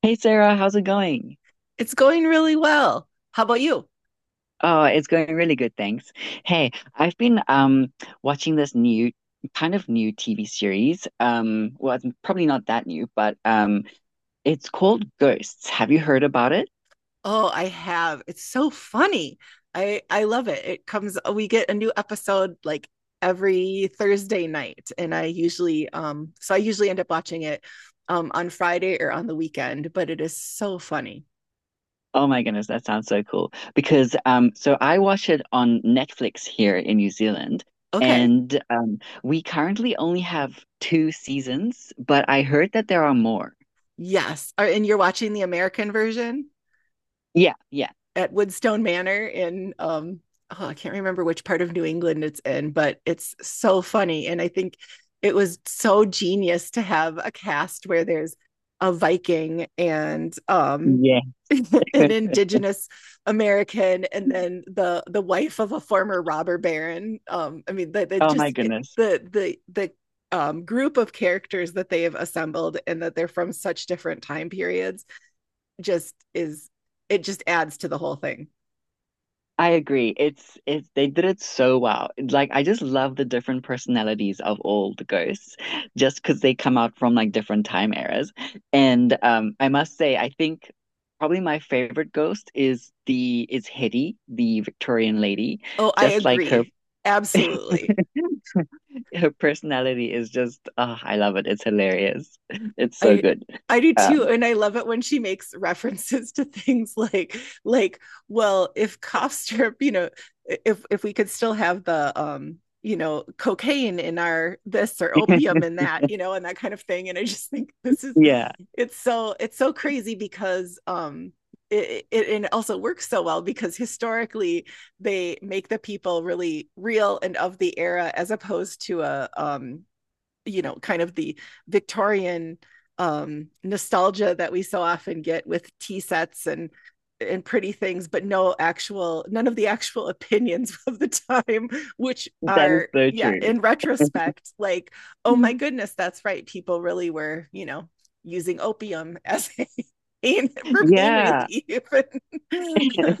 Hey Sarah, how's it going? It's going really well. How about you? Oh, it's going really good, thanks. Hey, I've been watching this new kind of new TV series. Well, it's probably not that new, but it's called Ghosts. Have you heard about it? Oh, I have. It's so funny. I love it. It comes we get a new episode like every Thursday night and I usually so I usually end up watching it on Friday or on the weekend, but it is so funny. Oh my goodness, that sounds so cool. Because so I watch it on Netflix here in New Zealand, Okay. and we currently only have two seasons, but I heard that there are more. Yes. And you're watching the American version? Yeah, yeah. At Woodstone Manor in oh, I can't remember which part of New England it's in, but it's so funny. And I think it was so genius to have a cast where there's a Viking and Yeah. an indigenous American and then the wife of a former robber baron. I mean that the Oh my just it, goodness. The Group of characters that they have assembled and that they're from such different time periods just is it just adds to the whole thing. I agree. It's they did it so well. Like I just love the different personalities of all the ghosts, just because they come out from like different time eras. And I must say, I think probably my favorite ghost is the is Hetty, the Victorian lady. Oh, I Just like her agree. Absolutely. her personality is just oh, I love it. It's hilarious. It's so I good. I do too Um, and I love it when she makes references to things like like well, if cough syrup, if we could still have the cocaine in our this or opium in that and that kind of thing and I just think this is yeah, it's so crazy because it also works so well because historically they make the people really real and of the era as opposed to a kind of the Victorian nostalgia that we so often get with tea sets and pretty things but no actual none of the actual opinions of the time which that is are so yeah, true. in retrospect like oh my goodness that's right people really were, using opium as a pain Yeah. relief and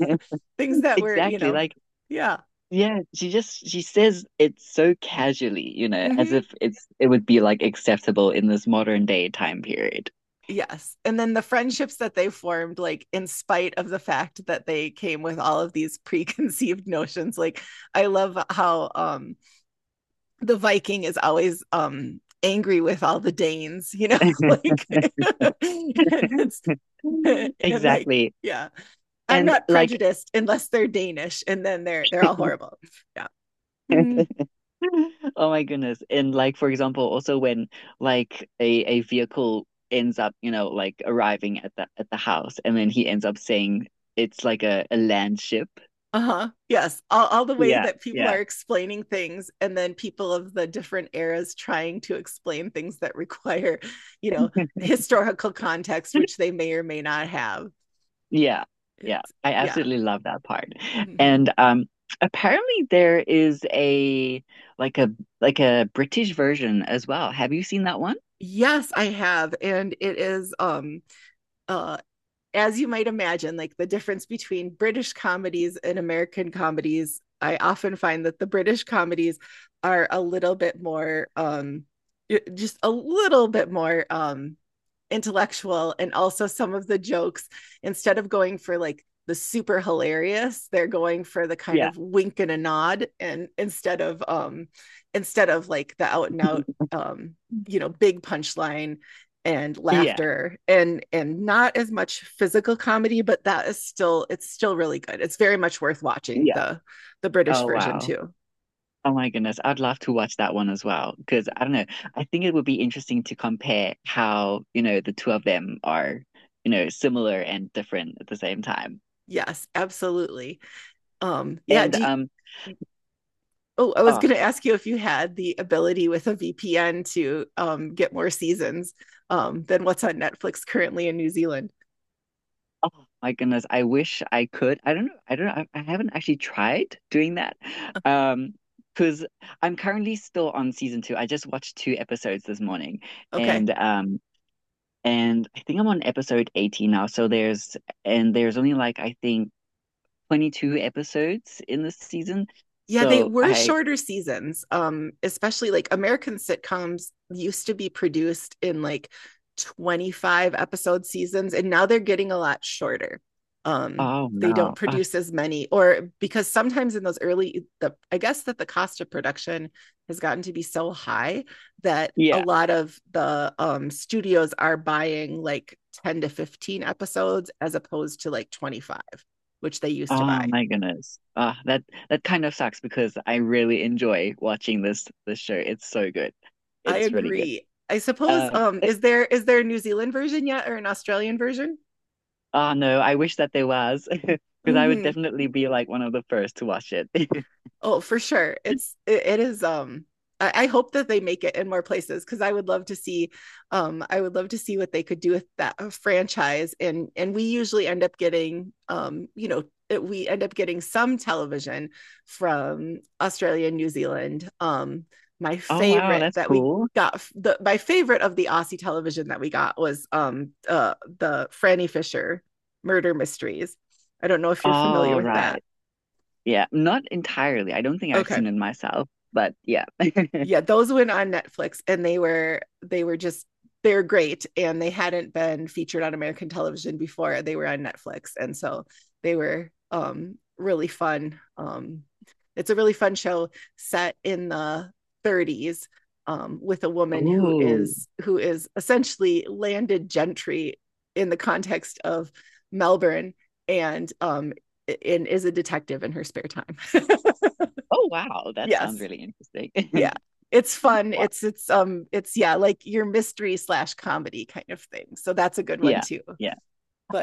things that were, Exactly. Like, yeah. yeah, she just she says it so casually, you know, as Mm-hmm. if it would be like acceptable in this modern day time period. Yes. And then the friendships that they formed, like in spite of the fact that they came with all of these preconceived notions. Like I love how the Viking is always angry with all the Danes, you know, like and it's and like, Exactly. yeah, I'm And not like, prejudiced unless they're Danish and then they're all horrible. Yeah. Hmm. oh my goodness. And like for example, also when like a vehicle ends up, you know, like arriving at the house and then he ends up saying it's like a land ship. Uh-huh. Yes. All the ways Yeah, that people are yeah. explaining things and then people of the different eras trying to explain things that require, you know, historical context, which they may or may not have. Yeah, yeah, It's I yeah. absolutely love that part. Hmm. And apparently there is a like a like a British version as well. Have you seen that one? Yes, I have. And it is uh as you might imagine, like the difference between British comedies and American comedies, I often find that the British comedies are a little bit more just a little bit more intellectual, and also some of the jokes instead of going for like the super hilarious they're going for the kind Yeah. of wink and a nod, and instead of like the out and out um you know big punchline and Yeah. laughter and not as much physical comedy, but that is still it's still really good. It's very much worth watching Yeah. The British Oh version wow. too. Oh my goodness. I'd love to watch that one as well because I don't know. I think it would be interesting to compare how, you know, the two of them are, you know, similar and different at the same time. Yes, absolutely. um yeah And do, Oh, I was oh, going to ask you if you had the ability with a VPN to get more seasons than what's on Netflix currently in New Zealand. oh my goodness, I wish I could. I don't know. I don't know. I haven't actually tried doing that. Um because I'm currently still on season two. I just watched two episodes this morning Okay. and um and I think I'm on episode 18 now. So there's only like I think 22 episodes in this season. Yeah, they So were shorter seasons. Especially like American sitcoms used to be produced in like 25 episode seasons, and now they're getting a lot shorter. Um, oh they don't no, produce as many, or because sometimes in those early, the I guess that the cost of production has gotten to be so high that a yeah, lot of the studios are buying like 10 to 15 episodes as opposed to like 25, which they used to oh buy. my goodness, that that kind of sucks because I really enjoy watching this show. It's so good, I it's really good. agree. I suppose Um, it, is there a New Zealand version yet or an Australian version? oh no, I wish that there was. Because I would Mm-hmm. definitely be like one of the first to watch it. Oh, for sure. It is I hope that they make it in more places because I would love to see I would love to see what they could do with that franchise, and we usually end up getting we end up getting some television from Australia and New Zealand. My Oh wow, favorite that's that we cool. got The my favorite of the Aussie television that we got was the Franny Fisher murder mysteries. I don't know if you're familiar All with that. right, yeah, not entirely. I don't think I've seen Okay. it myself, but yeah. Yeah, those went on Netflix and they were just they're great and they hadn't been featured on American television before. They were on Netflix and so they were really fun. Um, it's a really fun show set in the 30s with a woman Oh, who is essentially landed gentry in the context of Melbourne and is a detective in her spare time. oh wow, that sounds Yes, really yeah, interesting. it's fun. It's yeah, like your mystery slash comedy kind of thing, so that's a good one Yeah, too. yeah.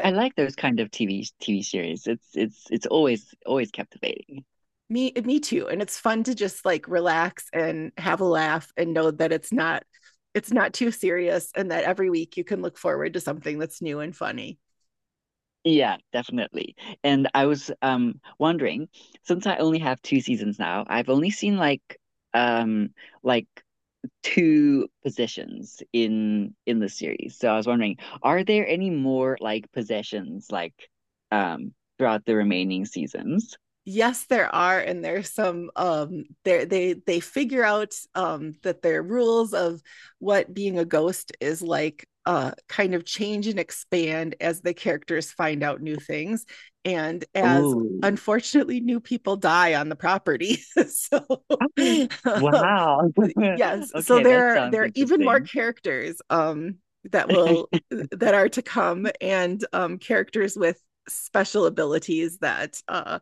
I like those kind of TV series. It's always always captivating. me too, and it's fun to just like relax and have a laugh and know that it's not too serious and that every week you can look forward to something that's new and funny. Yeah, definitely. And I was wondering, since I only have two seasons now, I've only seen like, um like two positions in the series. So I was wondering, are there any more like possessions like, um throughout the remaining seasons? Yes, there are, and there's some there they figure out that their rules of what being a ghost is like kind of change and expand as the characters find out new things and as Ooh. unfortunately new people die on the property. So Oh, um wow. yes, so Okay, that there are sounds even more interesting. characters that will that are to come, and characters with special abilities that uh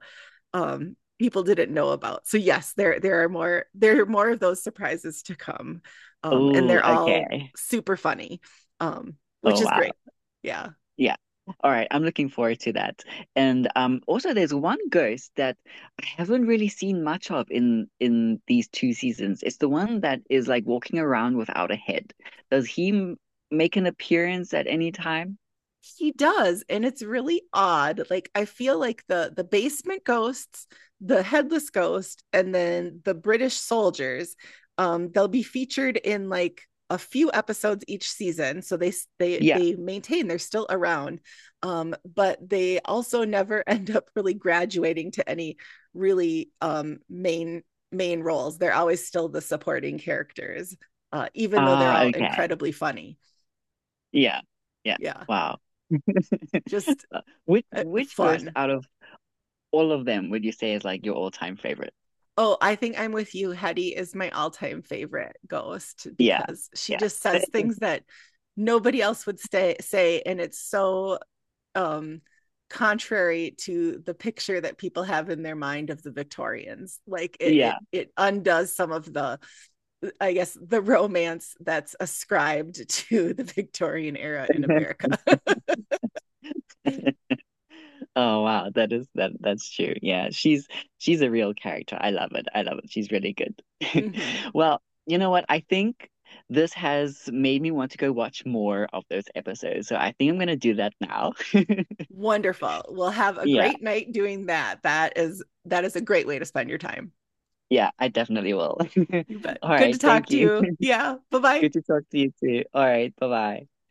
um, people didn't know about. So yes, there are more of those surprises to come, and Oh, they're all okay. super funny, um, which Oh, is wow. great. Yeah. Yeah. All right. I'm looking forward to that. And also there's one ghost that I haven't really seen much of in these two seasons. It's the one that is like walking around without a head. Does he m make an appearance at any time? He does, and it's really odd. Like I feel like the basement ghosts, the headless ghost, and then the British soldiers, they'll be featured in like a few episodes each season, so they they Yeah. they maintain they're still around, but they also never end up really graduating to any really main roles. They're always still the supporting characters, even though they're Ah, all okay. incredibly funny. Yeah. Yeah. Yeah. Wow. just Uh, Which which ghost Fun. out of all of them would you say is like your all-time favorite? Oh, I think I'm with you. Hetty is my all time favorite ghost Yeah. because she Yeah. just says things that nobody else would say. And it's so um, contrary to the picture that people have in their mind of the Victorians. Like Yeah. it undoes some of the, I guess, the romance that's ascribed to the Victorian era in America. Oh wow, that is that's true. Yeah, she's a real character. I love it. I love it. She's really good. Hmm. Well, you know what? I think this has made me want to go watch more of those episodes. So I think I'm gonna do that now. Wonderful. We'll have a Yeah, great night doing that. That is a great way to spend your time. yeah, I definitely will. You bet. All Good to right, talk thank to you. you. Yeah. Bye bye. Good to talk to you too. All right, bye-bye.